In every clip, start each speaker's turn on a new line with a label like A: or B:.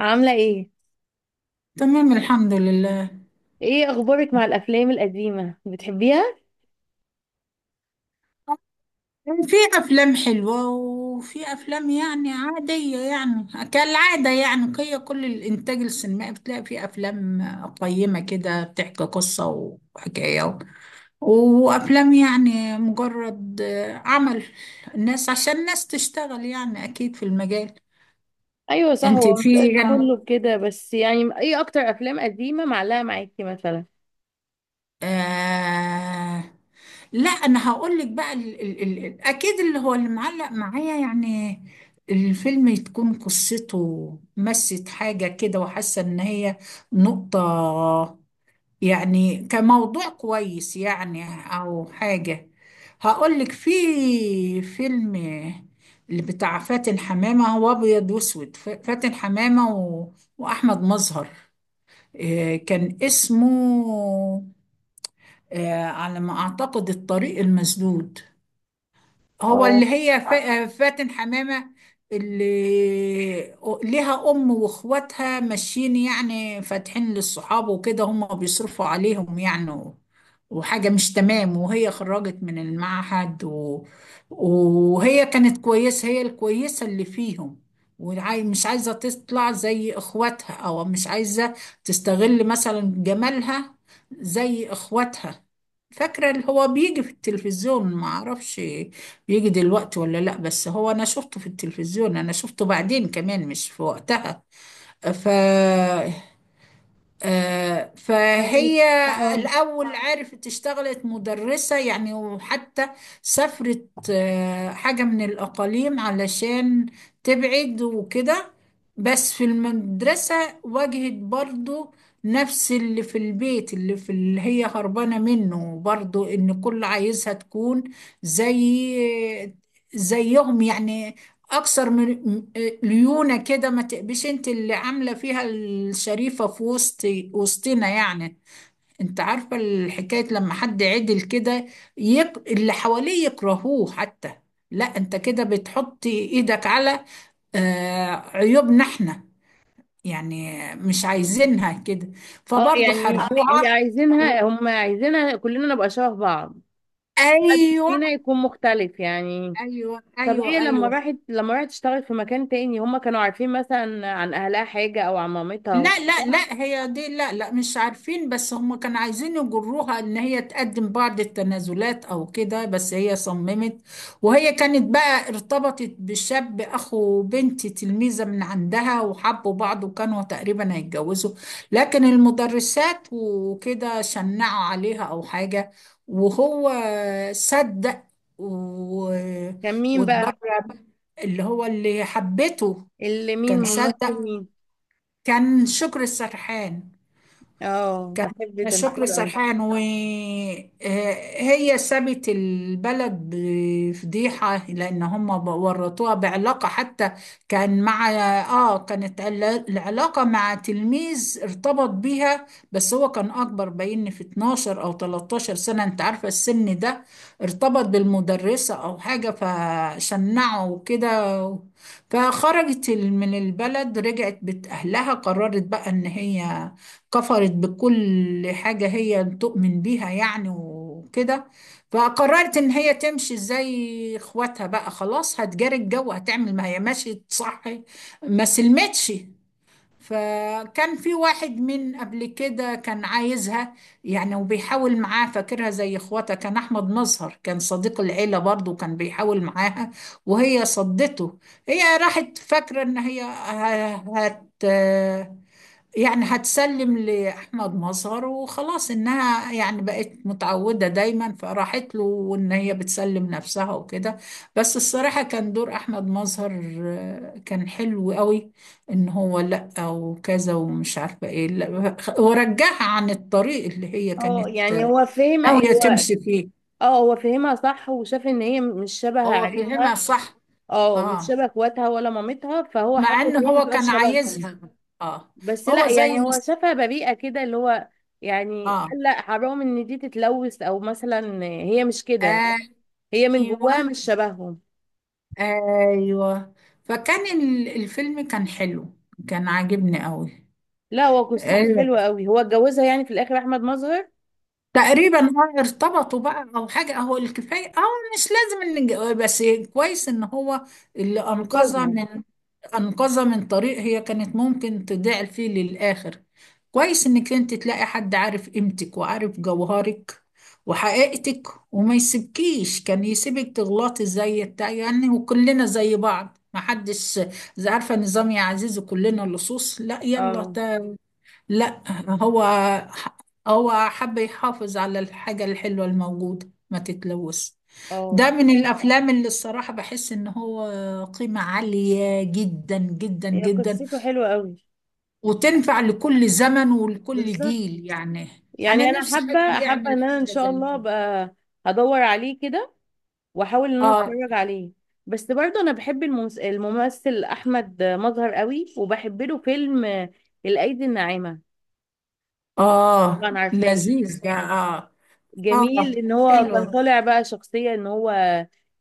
A: عاملة ايه؟
B: تمام، الحمد لله.
A: ايه اخبارك مع الافلام القديمة؟ بتحبيها؟
B: في أفلام حلوة، وفي أفلام يعني عادية يعني، كالعادة يعني. هي كل الإنتاج السينمائي بتلاقي فيه أفلام قيمة كده بتحكي قصة وحكاية، وأفلام يعني مجرد عمل الناس عشان الناس تشتغل، يعني أكيد في المجال.
A: ايوه، صح. هو
B: أنت
A: مش
B: في...
A: كله كده، بس يعني ايه اكتر افلام قديمة معلقة معاكي مثلا؟
B: آه لا، انا هقول لك بقى اكيد اللي هو اللي معلق معايا يعني الفيلم تكون قصته مست حاجة كده، وحاسة ان هي نقطة يعني كموضوع كويس يعني، او حاجة. هقول لك في فيلم، اللي بتاع فاتن حمامة، هو ابيض واسود. فاتن حمامة و... واحمد مظهر. كان اسمه على ما أعتقد الطريق المسدود. هو
A: اه.
B: اللي هي فاتن حمامة اللي ليها أم وإخواتها ماشيين يعني فاتحين للصحاب وكده، هم بيصرفوا عليهم يعني وحاجة مش تمام، وهي خرجت من المعهد و... وهي كانت كويسة، هي الكويسة اللي فيهم، ومش عايزة تطلع زي إخواتها، أو مش عايزة تستغل مثلا جمالها زي إخواتها. فاكرة اللي هو بيجي في التلفزيون، معرفش يجي دلوقتي ولا لا، بس هو انا شفته في التلفزيون، انا شفته بعدين كمان مش في وقتها. ف فهي فاهمك.
A: اه،
B: الأول عرفت اشتغلت مدرسة يعني، وحتى سافرت حاجة من الأقاليم علشان تبعد وكده. بس في المدرسة واجهت برضو نفس اللي في البيت، اللي في اللي هي هربانة منه، برضو إن كل عايزها تكون زي زيهم يعني، اكثر من ليونه كده. ما تبقيش انت اللي عامله فيها الشريفه في وسطنا يعني، انت عارفه الحكايه لما حد عدل كده اللي حواليه يكرهوه حتى. لا، انت كده بتحطي ايدك على عيوبنا احنا يعني، مش عايزينها كده،
A: اه.
B: فبرضه
A: يعني اللي
B: حاربوها.
A: عايزينها هم عايزينها كلنا نبقى شبه بعض، محدش
B: ايوه.
A: فينا يكون مختلف يعني.
B: ايوه
A: طب هي
B: ايوه
A: لما
B: ايوه.
A: راحت، تشتغل في مكان تاني، هم كانوا عارفين مثلا عن اهلها حاجة او عن مامتها؟
B: لا لا لا هي دي، لا لا مش عارفين، بس هم كانوا عايزين يجروها ان هي تقدم بعض التنازلات او كده، بس هي صممت. وهي كانت بقى ارتبطت بشاب اخو بنت تلميذة من عندها، وحبوا بعض وكانوا تقريبا هيتجوزوا، لكن المدرسات وكده شنعوا عليها او حاجة، وهو صدق و...
A: كان مين بقى؟
B: واتبرع. اللي هو اللي حبته
A: اللي مين،
B: كان
A: ممثل
B: صدق،
A: مين؟
B: كان شكر السرحان،
A: اه،
B: كان
A: بحب
B: شكري
A: تمثيله أوي.
B: سرحان. وهي سابت البلد بفضيحة لأن هم ورطوها بعلاقة حتى. كان مع كانت العلاقة مع تلميذ ارتبط بيها، بس هو كان أكبر بين في 12 أو 13 سنة، أنت عارفة السن ده، ارتبط بالمدرسة أو حاجة فشنعه وكده. فخرجت من البلد، رجعت بيت أهلها، قررت بقى إن هي كفرت بكل حاجة هي تؤمن بيها يعني وكده، فقررت إن هي تمشي زي إخواتها بقى، خلاص هتجاري الجو، هتعمل ما هي مشيت صح، ما سلمتش. فكان في واحد من قبل كده كان عايزها يعني وبيحاول معاه، فاكرها زي إخواتها، كان أحمد مظهر كان صديق العيلة برضه كان بيحاول معاها وهي صدته. هي راحت فاكرة إن هي هت يعني هتسلم لأحمد مظهر وخلاص، إنها يعني بقت متعودة دايما، فراحت له وإن هي بتسلم نفسها وكده. بس الصراحة كان دور أحمد مظهر كان حلو قوي، إن هو لأ وكذا ومش عارفة إيه، لأ ورجعها عن الطريق اللي هي
A: اه،
B: كانت
A: يعني هو فهم
B: ناوية
A: هو.
B: تمشي فيه.
A: اه، هو فهمها صح وشاف ان هي مش شبه
B: هو فهمها
A: عيلتها.
B: صح.
A: اه، مش
B: آه
A: شبه اخواتها ولا مامتها، فهو حب
B: مع
A: ان
B: إن
A: هي ما
B: هو
A: تبقاش
B: كان
A: شبههم.
B: عايزها. آه
A: بس
B: هو
A: لا،
B: زي
A: يعني
B: ما...
A: هو شافها بريئه كده، اللي هو يعني
B: اه.
A: قال لا حرام ان دي تتلوث، او مثلا هي مش كده، هي من
B: ايوه
A: جواها مش شبههم.
B: ايوه. فكان الفيلم كان حلو، كان عاجبني قوي.
A: لا، هو قصته حلوه قوي. هو اتجوزها يعني في الاخر احمد مظهر؟
B: تقريبا اه ارتبطوا بقى او حاجه، هو الكفايه اه، مش لازم ان بس كويس ان هو اللي انقذها
A: انقذها؟
B: من... انقذها من طريق هي كانت ممكن تضيع فيه للاخر. كويس انك انت تلاقي حد عارف قيمتك وعارف جوهرك وحقيقتك، وما يسيبكيش، كان يسيبك تغلطي زي بتاع يعني، وكلنا زي بعض ما حدش عارفه نظام يا عزيزي كلنا لصوص، لا يلا.
A: اه.
B: لا، هو هو حب يحافظ على الحاجة الحلوة الموجودة ما تتلوث. ده
A: اه،
B: من الأفلام اللي الصراحة بحس إن هو قيمة عالية، جدا جدا
A: هي
B: جدا،
A: قصته حلوه قوي.
B: وتنفع لكل زمن ولكل
A: بالظبط.
B: جيل يعني. أنا
A: يعني انا
B: نفسي حد
A: حابه
B: يعمل
A: ان انا ان
B: حاجة
A: شاء
B: زي
A: الله
B: كده.
A: ابقى هدور عليه كده، واحاول ان انا
B: آه.
A: اتفرج عليه. بس برضه انا بحب الممثل احمد مظهر قوي، وبحب له فيلم الايدي الناعمه.
B: آه
A: طبعا عارفاه.
B: لذيذ ده آه.
A: جميل
B: آه
A: ان هو كان
B: حلوة.
A: طالع بقى شخصية ان هو،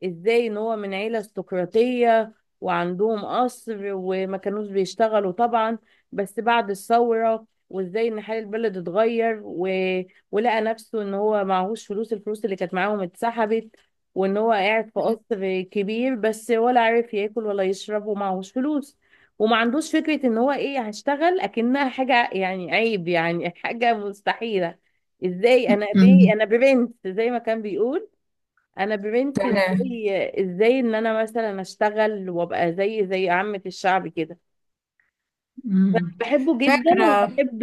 A: ازاي ان هو من عيلة استقراطية وعندهم قصر وما كانوش بيشتغلوا طبعا، بس بعد الثورة وازاي ان حال البلد اتغير ولقى نفسه ان هو معهوش فلوس، الفلوس اللي كانت معاهم اتسحبت، وان هو قاعد في قصر كبير بس ولا عارف ياكل ولا يشرب ومعهوش فلوس، وما عندوش فكرة ان هو ايه هشتغل، اكنها حاجة يعني عيب، يعني حاجة مستحيلة. ازاي انا بي
B: أمم،
A: انا برنس زي ما كان بيقول. انا برنس،
B: تمام.
A: ازاي ان انا مثلا اشتغل وابقى زي عامة الشعب كده.
B: أمم.
A: بحبه جدا،
B: فاكرة.
A: وبحب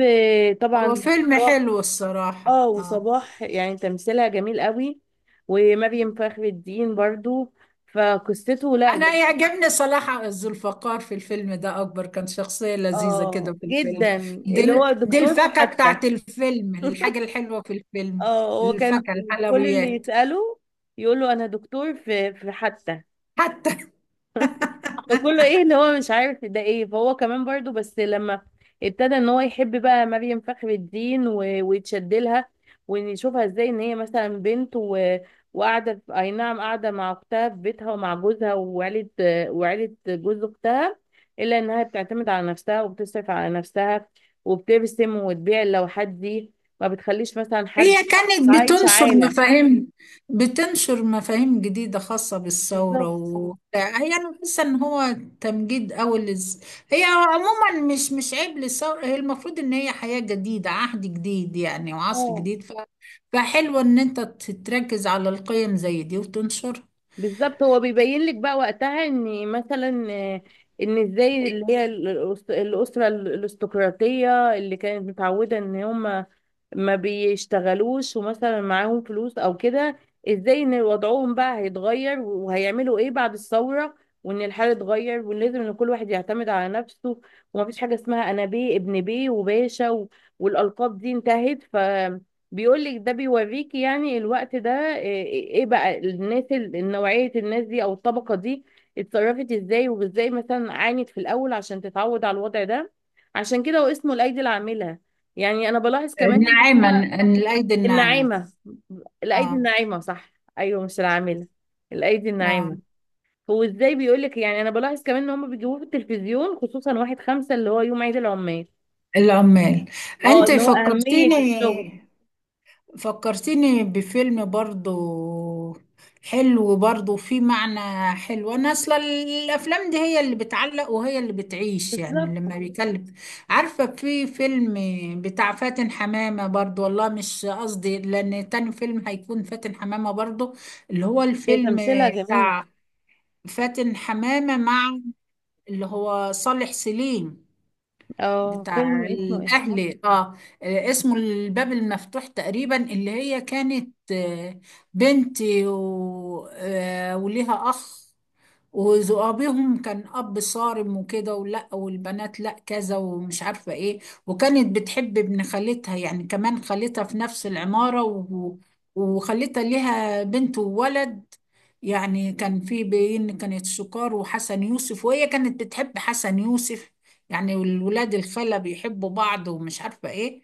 B: هو
A: طبعا
B: فيلم
A: صباح.
B: حلو الصراحة
A: اه،
B: آه.
A: وصباح يعني تمثيلها جميل قوي. ومريم فخر الدين برضو. فقصته لا
B: انا
A: جم-
B: يعجبني صلاح الذوالفقار في الفيلم ده اكبر، كان شخصية لذيذة كده
A: اه،
B: في الفيلم.
A: جدا.
B: دي
A: اللي هو
B: ال- دي
A: دكتور في
B: الفاكهة
A: حتى.
B: بتاعت الفيلم، الحاجة الحلوة في الفيلم،
A: اه، هو كان
B: الفاكهة
A: كل اللي
B: الحلويات
A: يسأله يقول له انا دكتور في حتى.
B: حتى.
A: فكله ايه اللي هو مش عارف ده ايه. فهو كمان برضو، بس لما ابتدى ان هو يحب بقى مريم فخر الدين ويتشد لها، ونشوفها ازاي ان هي مثلا بنت وقاعده اي نعم، قاعده مع اختها في بيتها ومع جوزها وعيله جوز اختها، الا انها بتعتمد على نفسها وبتصرف على نفسها وبترسم وتبيع اللوحات دي، ما بتخليش مثلا حد
B: هي كانت
A: عايش
B: بتنشر
A: عالة.
B: مفاهيم، بتنشر مفاهيم جديدة خاصة بالثورة
A: بالظبط.
B: و... هي أنا بحس إن هو تمجيد أوي للز... هي عموما مش عيب للثورة، هي المفروض إن هي حياة جديدة، عهد جديد يعني وعصر
A: اه،
B: جديد ف... فحلو إن أنت تركز على القيم زي دي وتنشر.
A: بالظبط. هو بيبين لك بقى وقتها ان مثلا، ان ازاي اللي هي الاسره الارستقراطيه اللي كانت متعوده ان هم ما بيشتغلوش ومثلا معاهم فلوس او كده، ازاي ان وضعهم بقى هيتغير وهيعملوا ايه بعد الثوره، وان الحال اتغير وان لازم ان كل واحد يعتمد على نفسه، ومفيش حاجه اسمها انا بيه ابن بيه وباشا والالقاب دي انتهت. بيقول لك ده بيوريك يعني الوقت ده، إيه بقى الناس، نوعية الناس دي او الطبقة دي اتصرفت ازاي، وازاي مثلا عانت في الاول عشان تتعود على الوضع ده. عشان كده هو اسمه الايدي العاملة، يعني انا بلاحظ كمان ان
B: ناعما،
A: هما
B: إن الأيدي الناعمة.
A: الناعمة، الايدي
B: آه.
A: الناعمة صح. ايوه، مش العاملة، الايدي
B: آه.
A: الناعمة. هو ازاي بيقول لك، يعني انا بلاحظ كمان ان هما بيجيبوه في التلفزيون خصوصا 1/5 اللي هو يوم عيد العمال.
B: العمال.
A: اه،
B: أنت
A: اللي هو اهمية
B: فكرتيني،
A: الشغل.
B: فكرتني بفيلم برضو حلو برضو فيه معنى حلو. انا اصلا الافلام دي هي اللي بتعلق وهي اللي بتعيش يعني
A: بالظبط.
B: لما بيكلم. عارفة، في فيلم بتاع فاتن حمامة برضو، والله مش قصدي لان تاني فيلم هيكون فاتن حمامة برضو، اللي هو
A: هي
B: الفيلم
A: تمثيلها جميل.
B: فاتن حمامة مع اللي هو صالح سليم
A: اه، فيلم
B: بتاع
A: اسمه ايه؟
B: الأهلي اه. اسمه الباب المفتوح تقريبا. اللي هي كانت بنت و... وليها أخ، وأبيهم كان أب صارم وكده، ولا والبنات لا كذا ومش عارفة إيه. وكانت بتحب ابن خالتها يعني، كمان خالتها في نفس العمارة و... وخالتها ليها بنت وولد يعني، كان في بين كانت سكار وحسن يوسف، وهي كانت بتحب حسن يوسف يعني. والولاد الخالة بيحبوا بعض ومش عارفة إيه.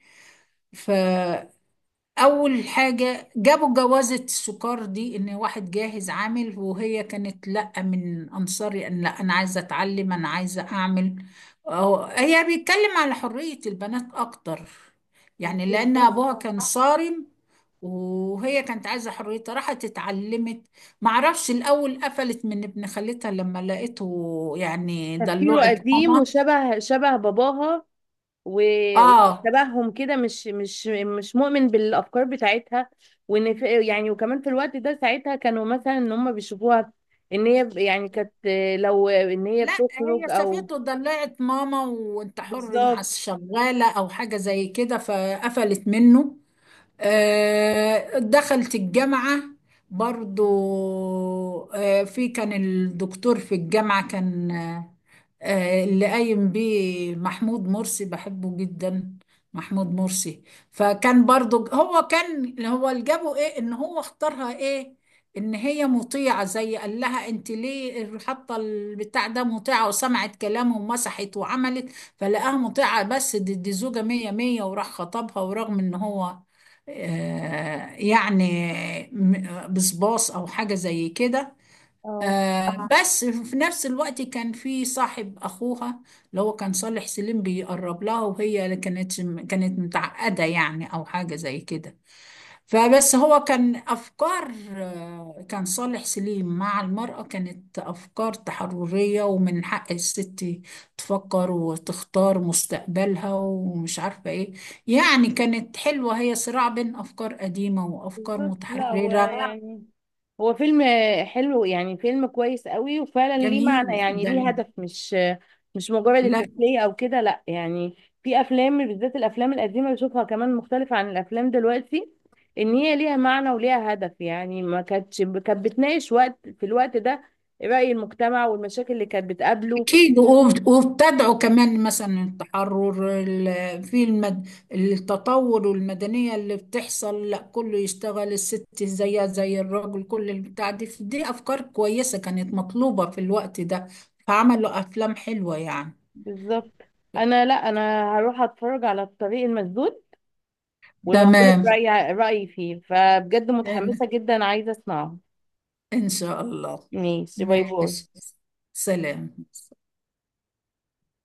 B: اول حاجه جابوا جوازه السكر دي ان واحد جاهز عامل، وهي كانت لا، من انصاري ان لا، انا عايزه اتعلم، انا عايزه اعمل. أهو هي بيتكلم على حريه البنات اكتر يعني، لان
A: بالظبط.
B: ابوها كان صارم، وهي كانت عايزه حريتها، راحت اتعلمت. معرفش الاول قفلت من ابن خالتها لما لقيته يعني
A: تفكيره
B: دلوعت
A: قديم،
B: ماما.
A: وشبه شبه باباها، و-
B: اه.
A: وشبههم كده، مش مؤمن بالافكار بتاعتها، وان في يعني، وكمان في الوقت ده ساعتها كانوا مثلا ان هم بيشوفوها ان هي يعني كانت، لو ان هي
B: لا
A: بتخرج
B: هي
A: او.
B: شافته ضلعت ماما وانت حر مع
A: بالظبط.
B: الشغالة او حاجة زي كده، فقفلت منه. دخلت الجامعة برضو. في كان الدكتور في الجامعة كان اللي قايم بيه محمود مرسي بحبه جدا، محمود مرسي. فكان برضو هو كان اللي هو اللي جابه ايه ان هو اختارها ايه ان هي مطيعة زي، قال لها انت ليه حاطة البتاع ده، مطيعة، وسمعت كلامه ومسحت وعملت، فلقاها مطيعة بس دي زوجة مية مية وراح خطبها. ورغم ان هو يعني بصباص او حاجه زي كده.
A: اه،
B: بس في نفس الوقت كان في صاحب اخوها اللي هو كان صالح سليم بيقرب لها، وهي كانت متعقده يعني او حاجه زي كده. فبس هو كان أفكار كان صالح سليم مع المرأة كانت أفكار تحررية، ومن حق الست تفكر وتختار مستقبلها ومش عارفة إيه. يعني كانت حلوة، هي صراع بين أفكار قديمة وأفكار
A: بالظبط. لا هو
B: متحررة.
A: يعني، هو فيلم حلو يعني، فيلم كويس قوي، وفعلا ليه
B: جميل
A: معنى يعني،
B: ده.
A: ليه هدف. مش مجرد
B: لا
A: التسلية او كده، لا يعني. في افلام بالذات الافلام القديمة، بشوفها كمان مختلفة عن الافلام دلوقتي. ان هي ليها معنى وليها هدف، يعني ما كانتش، كانت بتناقش وقت في الوقت ده رأي المجتمع والمشاكل اللي كانت بتقابله.
B: أكيد، وابتدعوا كمان مثلا التحرر في المد... التطور والمدنية اللي بتحصل، لا كله يشتغل الست زيها زي الراجل، كل البتاع دي، دي أفكار كويسة كانت مطلوبة في الوقت ده، فعملوا أفلام حلوة يعني.
A: بالظبط. انا، لا انا هروح اتفرج على الطريق المسدود وهقول لك
B: تمام،
A: رأيي فيه. فبجد متحمسة
B: إن
A: جدا، عايزة اسمعه.
B: إن شاء الله.
A: ماشي، باي
B: ماشي،
A: باي.
B: سلام.